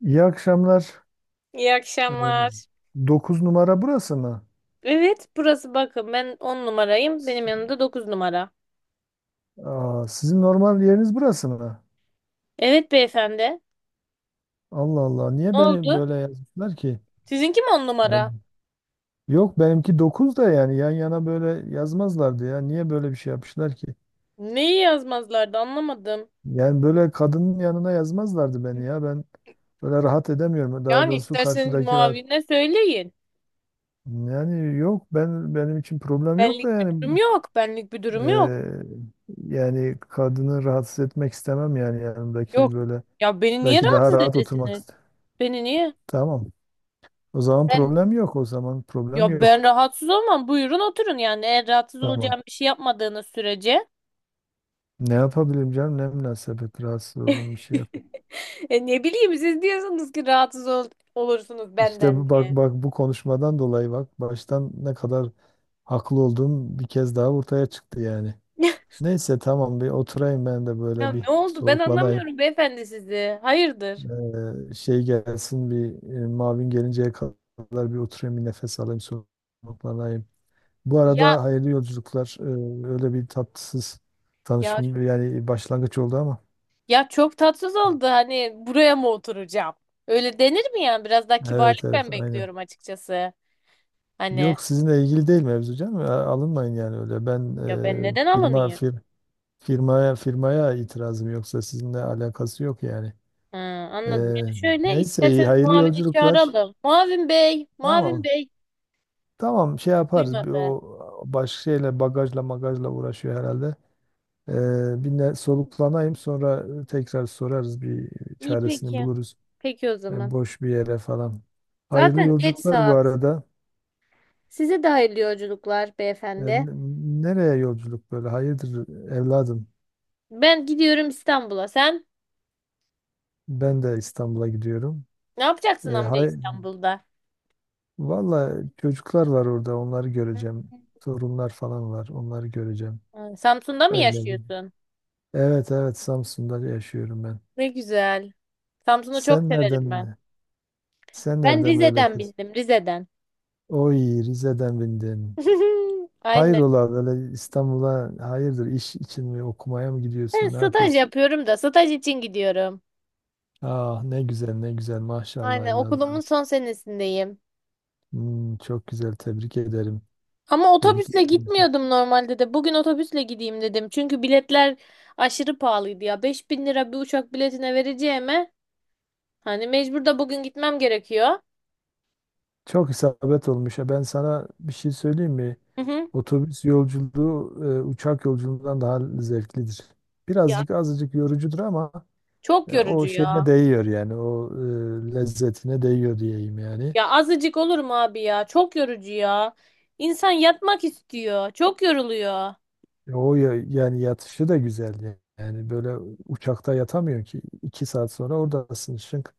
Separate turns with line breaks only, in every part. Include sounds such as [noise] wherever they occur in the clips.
İyi akşamlar.
İyi
Ee,
akşamlar.
9 numara burası mı?
Evet, burası bakın ben 10 numarayım. Benim yanımda 9 numara.
Aa, sizin normal yeriniz burası mı?
Evet beyefendi.
Allah Allah.
Ne
Niye beni
oldu?
böyle yazmışlar ki?
Sizinki mi 10
Yani,
numara?
yok benimki 9 da yani yan yana böyle yazmazlardı ya. Niye böyle bir şey yapmışlar ki?
Neyi yazmazlardı anlamadım.
Yani böyle kadının yanına yazmazlardı beni ya. Ben böyle rahat edemiyorum. Daha
Yani
doğrusu
isterseniz
karşıdaki rahat.
muavine söyleyin.
Yani yok ben benim için problem yok da
Benlik bir
yani
durum yok. Benlik bir durum yok.
eee, yani kadını rahatsız etmek istemem yani
Yok.
yanımdakini böyle.
Ya beni niye
Belki daha
rahatsız
rahat oturmak
edesiniz?
ister.
Beni niye?
Tamam. O zaman
Ben
problem yok. O zaman problem
ya ben
yok.
rahatsız olmam. Buyurun oturun yani. Eğer rahatsız
Tamam.
olacağım bir şey yapmadığınız sürece.
Ne yapabilirim canım? Ne münasebet rahatsız olduğum bir şey yap.
[laughs] E ne bileyim siz diyorsunuz ki rahatsız olursunuz
İşte
benden.
bak bak bu konuşmadan dolayı bak baştan ne kadar haklı olduğum bir kez daha ortaya çıktı yani. Neyse tamam bir oturayım ben de
Ya
böyle bir
ne oldu? Ben
soluklanayım.
anlamıyorum beyefendi sizi. Hayırdır?
Şey gelsin bir mavin gelinceye kadar bir oturayım bir nefes alayım soluklanayım. Bu
Ya
arada hayırlı yolculuklar. Öyle bir tatsız
ya
tanışım yani başlangıç oldu ama.
ya, çok tatsız oldu. Hani buraya mı oturacağım? Öyle denir mi yani? Biraz daha
Evet
kibarlık
evet
ben
aynen.
bekliyorum açıkçası. Hani
Yok sizinle ilgili değil mevzu canım. Alınmayın yani öyle. Ben
ya ben
e,
neden
firma
alınayım?
fir, firmaya itirazım yoksa sizinle alakası yok yani.
Ha,
E,
anladım. Ya şöyle
neyse iyi
isterseniz
hayırlı
Mavin'i
yolculuklar.
çağıralım. Mavin Bey, Mavin
Tamam.
Bey
Tamam şey yaparız. Bir
duymadı.
o başka şeyle bagajla magajla uğraşıyor herhalde. E, bir soluklanayım sonra tekrar sorarız bir
İyi
çaresini
peki.
buluruz.
Peki o
e,
zaman.
boş bir yere falan. Hayırlı
Zaten geç
yolculuklar bu
saat.
arada.
Size de hayırlı yolculuklar
E,
beyefendi.
n- nereye yolculuk böyle? Hayırdır evladım?
Ben gidiyorum İstanbul'a. Sen
Ben de İstanbul'a gidiyorum.
ne
E,
yapacaksın amca
hay
İstanbul'da?
Valla çocuklar var orada. Onları göreceğim. Torunlar falan var. Onları göreceğim.
Ha, Samsun'da mı
Öyle bir.
yaşıyorsun?
Evet evet Samsun'da yaşıyorum ben.
Ne güzel. Samsun'u çok
Sen
severim ben.
nereden sen
Ben
nereden böyle
Rize'den
kız?
bildim, Rize'den.
Oy Rize'den bindin.
[laughs] Aynen.
Hayrola böyle İstanbul'a hayırdır iş için mi okumaya mı
Ben
gidiyorsun? Ne
staj
yapıyorsun?
yapıyorum da staj için gidiyorum.
Ah ne güzel ne güzel maşallah
Aynen okulumun
evladım.
son senesindeyim.
Hmm, çok güzel tebrik ederim.
Ama
Tebrik
otobüsle
ederim.
gitmiyordum normalde de. Bugün otobüsle gideyim dedim. Çünkü biletler aşırı pahalıydı ya. 5000 lira bir uçak biletine vereceğime hani mecbur da bugün gitmem gerekiyor.
Çok isabet olmuş ya. Ben sana bir şey söyleyeyim mi?
Hı hı.
Otobüs yolculuğu uçak yolculuğundan daha zevklidir.
Ya
Birazcık azıcık yorucudur ama
çok yorucu
o şeyine
ya.
değiyor yani o lezzetine değiyor diyeyim yani.
Ya azıcık olur mu abi ya? Çok yorucu ya. İnsan yatmak istiyor. Çok yoruluyor.
Yani yatışı da güzel yani. Yani böyle uçakta yatamıyorsun ki 2 saat sonra oradasın şınk.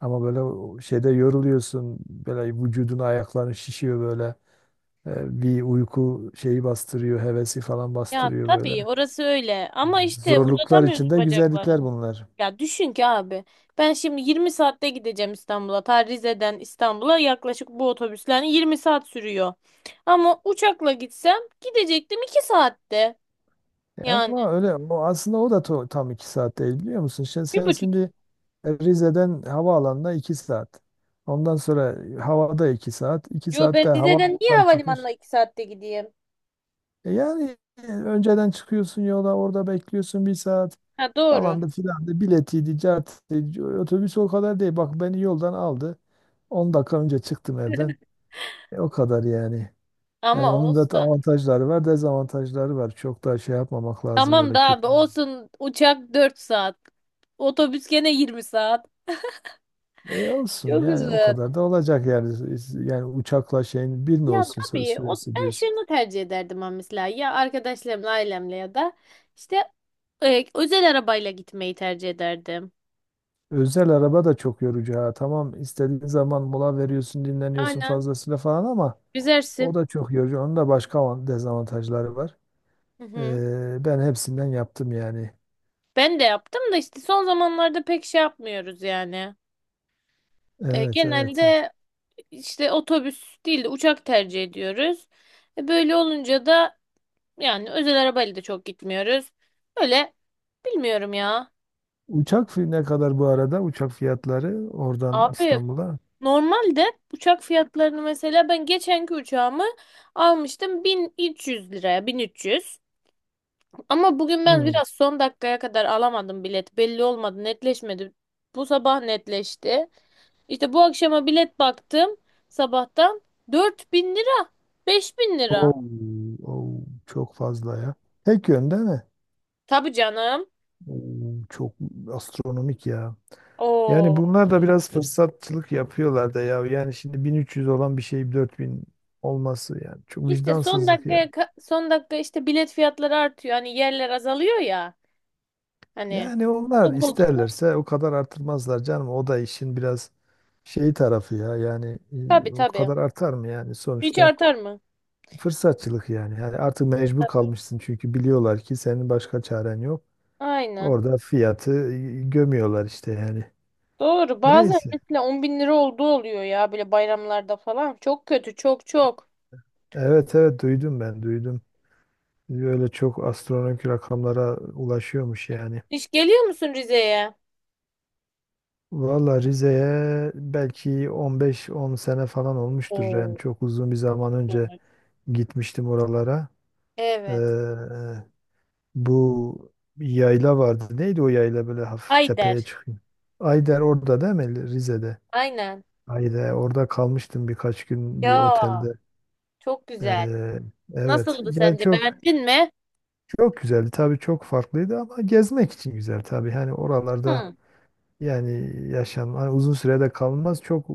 Ama böyle o şeyde yoruluyorsun. Böyle vücudun ayakların şişiyor böyle. Bir uyku şeyi bastırıyor. Hevesi falan
Ya
bastırıyor
tabii
böyle.
orası öyle. Ama işte
Zorluklar
uzatamıyorsun
içinde güzellikler
bacaklarını.
bunlar.
Ya düşün ki abi. Ben şimdi 20 saatte gideceğim İstanbul'a. Ta Rize'den İstanbul'a yaklaşık bu otobüsler 20 saat sürüyor. Ama uçakla gitsem gidecektim 2 saatte. Yani
Ama öyle o aslında o da tam 2 saat değil biliyor musun? sen
bir
sen
buçuk.
şimdi Rize'den havaalanına 2 saat. Ondan sonra havada 2 saat. iki
Yo ben
saatte
Rize'den niye
havadan çıkış.
havalimanına 2 saatte gideyim?
Yani önceden çıkıyorsun yola orada bekliyorsun bir saat
Ha doğru.
falan da filan da biletiydi, cartıydı. Otobüs o kadar değil. Bak beni yoldan aldı. 10 dakika önce çıktım evden. O kadar yani. Yani
Ama
onun da
olsun.
avantajları var, dezavantajları var. Çok da şey yapmamak lazım
Tamam
öyle
da
kötü.
abi olsun uçak 4 saat. Otobüs gene 20 saat.
Olsun
Çok
yani
uzun.
o kadar da olacak yani. Yani uçakla şeyin bir mi
Ya
olsun
tabii o,
süresi
ben
diyorsun.
şunu tercih ederdim ama mesela ya arkadaşlarımla ailemle ya da işte özel arabayla gitmeyi tercih ederdim.
Özel araba da çok yorucu ha. Tamam istediğin zaman mola veriyorsun, dinleniyorsun
Aynen.
fazlasıyla falan ama o
Güzelsin.
da çok yorucu. Onun da başka dezavantajları var.
Hı hı.
Ben hepsinden yaptım yani.
Ben de yaptım da işte son zamanlarda pek şey yapmıyoruz yani. E,
Evet, evet.
genelde işte otobüs değil de uçak tercih ediyoruz. E, böyle olunca da yani özel arabayla da çok gitmiyoruz. Öyle bilmiyorum ya.
Uçak ne kadar bu arada? Uçak fiyatları oradan
Abi
İstanbul'a.
normalde uçak fiyatlarını mesela ben geçenki uçağımı almıştım 1300 liraya 1300. Ama bugün ben
Hmm.
biraz son dakikaya kadar alamadım bilet. Belli olmadı, netleşmedi. Bu sabah netleşti. İşte bu akşama bilet baktım sabahtan 4000 lira, 5000 lira.
Oo, oo, çok fazla ya. Tek yönde mi?
Tabii canım.
Oo, çok astronomik ya. Yani
Oo.
bunlar da biraz fırsatçılık yapıyorlar da ya. Yani şimdi 1300 olan bir şey 4000 olması yani. Çok
İşte
vicdansızlık ya.
son dakika işte bilet fiyatları artıyor. Hani yerler azalıyor ya. Hani
Yani onlar
o koltuk
isterlerse o kadar artırmazlar canım. O da işin biraz şeyi tarafı ya. Yani
tabii
o
tabii.
kadar artar mı yani
Hiç
sonuçta
artar mı?
fırsatçılık yani. Yani artık mecbur kalmışsın çünkü biliyorlar ki senin başka çaren yok.
Aynen.
Orada fiyatı gömüyorlar işte yani.
Doğru. Bazen
Neyse.
mesela 10.000 lira olduğu oluyor ya böyle bayramlarda falan. Çok kötü. Çok çok.
Evet evet duydum ben duydum. Öyle çok astronomik rakamlara ulaşıyormuş yani.
Hiç geliyor musun Rize'ye?
Valla Rize'ye belki 15-10 sene falan olmuştur yani
Oo,
çok uzun bir zaman önce
evet.
gitmiştim oralara. Ee,
Evet.
bu yayla vardı. Neydi o yayla böyle hafif tepeye
Ayder.
çıkıyor. Ayder orada değil mi? Rize'de.
Aynen.
Ayder orada kalmıştım birkaç gün bir
Ya
otelde.
çok güzel.
Ee, evet.
Nasıldı
Yani
sence?
çok
Beğendin mi?
çok güzeldi. Tabii çok farklıydı ama gezmek için güzel tabii. Hani oralarda
Hı.
yani yaşam hani uzun sürede kalmaz. Çok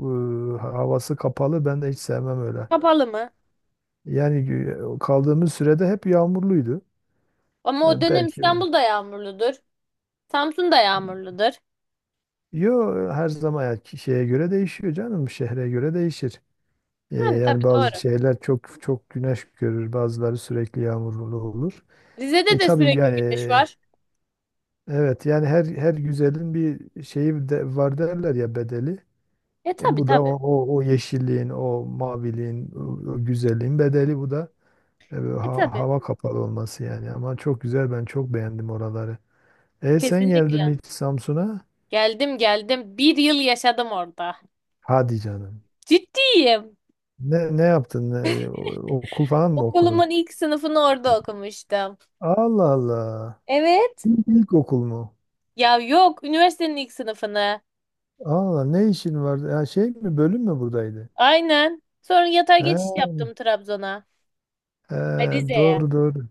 havası kapalı. Ben de hiç sevmem öyle.
Kapalı mı?
Yani kaldığımız sürede hep yağmurluydu.
Ama o
E,
dönem
belki öyle.
İstanbul'da yağmurludur. Samsun'da yağmurludur.
Yo her zaman ya şeye göre değişiyor canım şehre göre değişir. Ee,
Yani
yani
tabii
bazı
doğru.
şehirler çok çok güneş görür bazıları sürekli yağmurlu olur.
Rize'de
E
de
tabii
sürekli
yani
güneş var.
evet yani her güzelin bir şeyi de var derler ya bedeli.
E
E,
tabii
bu da o,
tabii.
o yeşilliğin o maviliğin o güzelliğin bedeli bu da. Böyle
E tabii.
hava kapalı olması yani ama çok güzel ben çok beğendim oraları. Sen geldin
Kesinlikle.
mi hiç Samsun'a?
Geldim geldim. Bir yıl yaşadım orada.
Hadi canım.
Ciddiyim.
Ne yaptın? Okul falan mı okudun?
Okulumun ilk sınıfını orada okumuştum.
Allah Allah.
Evet.
İlk okul mu?
Ya yok, üniversitenin ilk sınıfını.
Allah ne işin vardı? Ya şey mi bölüm mü buradaydı?
Aynen. Sonra yatay geçiş
He,
yaptım Trabzon'a.
he,
Ay, Rize'ye.
doğru doğru.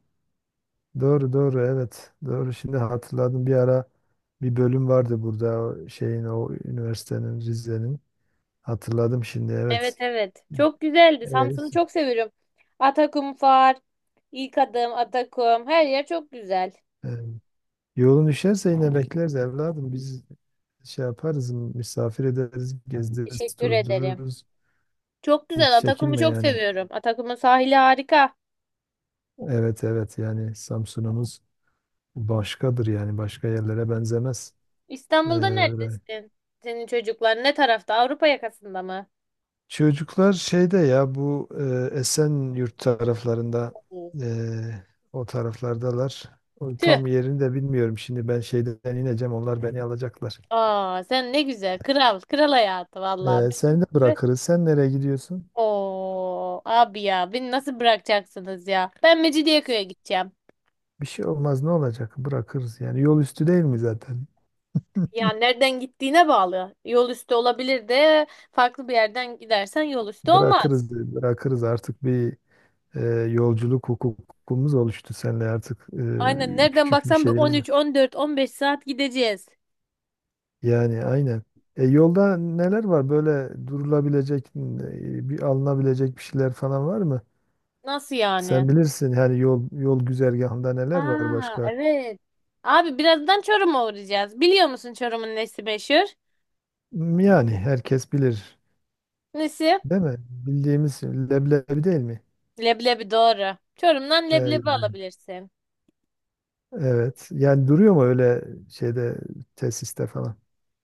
Doğru doğru evet. Doğru şimdi hatırladım bir ara bir bölüm vardı burada o şeyin o üniversitenin Rize'nin. Hatırladım şimdi
Evet
evet.
evet. Çok güzeldi. Samsun'u
Evet.
çok seviyorum. Atakum ilk Adım, Atakum. Her yer çok güzel.
Ee, e, yolun düşerse yine bekleriz evladım. Biz şey yaparız, misafir ederiz, gezdiririz,
Teşekkür ederim.
tozdururuz.
Çok
Hiç
güzel. Atakum'u
çekinme
çok
yani.
seviyorum. Atakum'un sahili harika.
Evet evet yani Samsun'umuz başkadır yani başka yerlere benzemez. Ee,
İstanbul'da
öyle.
neredesin? Senin çocuklar ne tarafta? Avrupa yakasında mı?
Çocuklar şeyde ya bu Esenyurt taraflarında
Tüh.
e, o taraflardalar. O tam yerini de bilmiyorum şimdi ben şeyden ineceğim onlar beni alacaklar.
Aa, sen ne güzel. Kral. Kral hayatı vallahi.
Seni de
Ben-
bırakırız. Sen nereye gidiyorsun?
Oo, abi ya beni nasıl bırakacaksınız ya? Ben Mecidiyeköy'e gideceğim.
Bir şey olmaz ne olacak? Bırakırız yani yol üstü değil mi zaten?
Ya nereden gittiğine bağlı. Yol üstü olabilir de farklı bir yerden gidersen yol üstü olmaz.
Bırakırız bırakırız artık bir e, yolculuk hukukumuz oluştu seninle artık
Aynen nereden
küçük bir
baksan bir
şeyimiz de.
13, 14, 15 saat gideceğiz.
Yani aynen. Yolda neler var böyle durulabilecek, bir alınabilecek bir şeyler falan var mı?
Nasıl yani?
Sen bilirsin yani yol güzergahında neler var
Aa,
başka?
evet. Abi birazdan Çorum'a uğrayacağız. Biliyor musun Çorum'un nesi meşhur?
Yani herkes bilir,
Nesi?
değil mi? Bildiğimiz leblebi değil mi?
Leblebi doğru. Çorum'dan
E,
leblebi
yani,
alabilirsin.
evet. Yani duruyor mu öyle şeyde tesiste falan?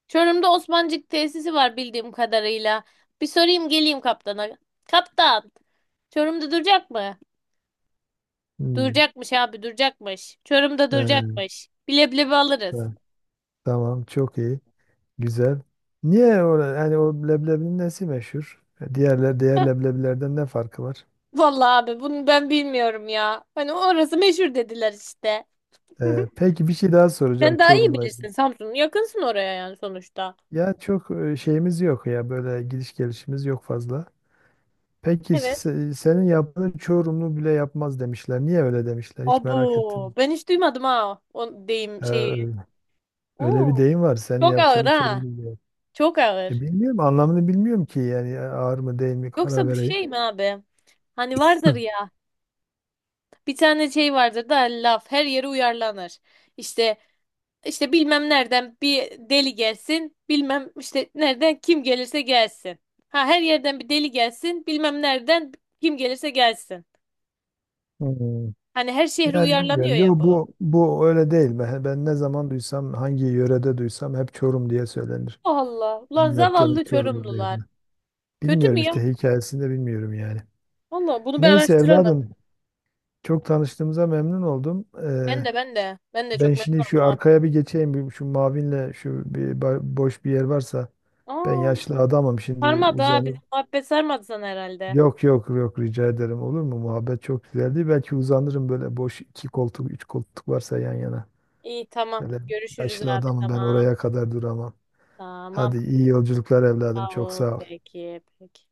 Çorum'da Osmancık tesisi var bildiğim kadarıyla. Bir sorayım geleyim kaptana. Kaptan, Çorum'da duracak mı?
Hmm.
Duracakmış abi, duracakmış. Çorum'da
E,
duracakmış. Bileblebi
e,
alırız.
tamam çok iyi. Güzel. Niye o, yani o leblebinin nesi meşhur? Diğer leblebilerden ne farkı var?
Vallahi abi bunu ben bilmiyorum ya. Hani orası meşhur dediler işte.
Ee,
[laughs]
peki bir şey daha soracağım
Sen daha iyi
Çorum'la
bilirsin
ilgili.
Samsun. Yakınsın oraya yani sonuçta.
Ya çok şeyimiz yok ya böyle gidiş gelişimiz yok fazla. Peki
Evet.
senin yaptığın Çorumlu bile yapmaz demişler. Niye öyle demişler? Hiç merak
Abu,
ettim.
ben hiç duymadım ha o deyim
Ee,
şeyi.
öyle öyle bir
Oo,
deyim var. Senin
çok ağır
yaptığını
ha.
Çorumlu bile yap-
Çok ağır.
Bilmiyorum anlamını bilmiyorum ki yani ağır mı değil mi karar
Yoksa bu
vereyim.
şey mi abi? Hani vardır ya. Bir tane şey vardır da laf her yere uyarlanır. İşte işte bilmem nereden bir deli gelsin, bilmem işte nereden kim gelirse gelsin. Ha her yerden bir deli gelsin, bilmem nereden kim gelirse gelsin.
Hmm.
Hani her şehre
Yani bilmiyorum.
uyarlanıyor ya
Yo
bu.
bu öyle değil. Ben ne zaman duysam, hangi yörede duysam hep Çorum diye söylenir.
Allah
Ben
ulan
yaptığını
zavallı
Çorum
Çorumlular.
yerine.
Kötü mü
Bilmiyorum
ya?
işte hikayesini de bilmiyorum yani.
Allah bunu bir
Neyse
araştıralım.
evladım çok tanıştığımıza memnun oldum.
Ben
Ee,
de ben de ben de
ben
çok
şimdi
memnun
şu
oldum abi.
arkaya bir geçeyim. Bir, şu Mavin'le şu bir boş bir yer varsa ben
Aa,
yaşlı adamım şimdi
sarmadı ha bizim
uzanıp.
muhabbet sarmadı sana herhalde.
Yok yok yok rica ederim olur mu? Muhabbet çok güzeldi. Belki uzanırım böyle boş iki koltuk, üç koltuk varsa yan yana.
İyi tamam
Böyle
görüşürüz
yaşlı
abi
adamım ben
tamam.
oraya kadar duramam.
Tamam.
Hadi iyi yolculuklar evladım. Çok
Bravo.
sağ ol.
Peki, peki.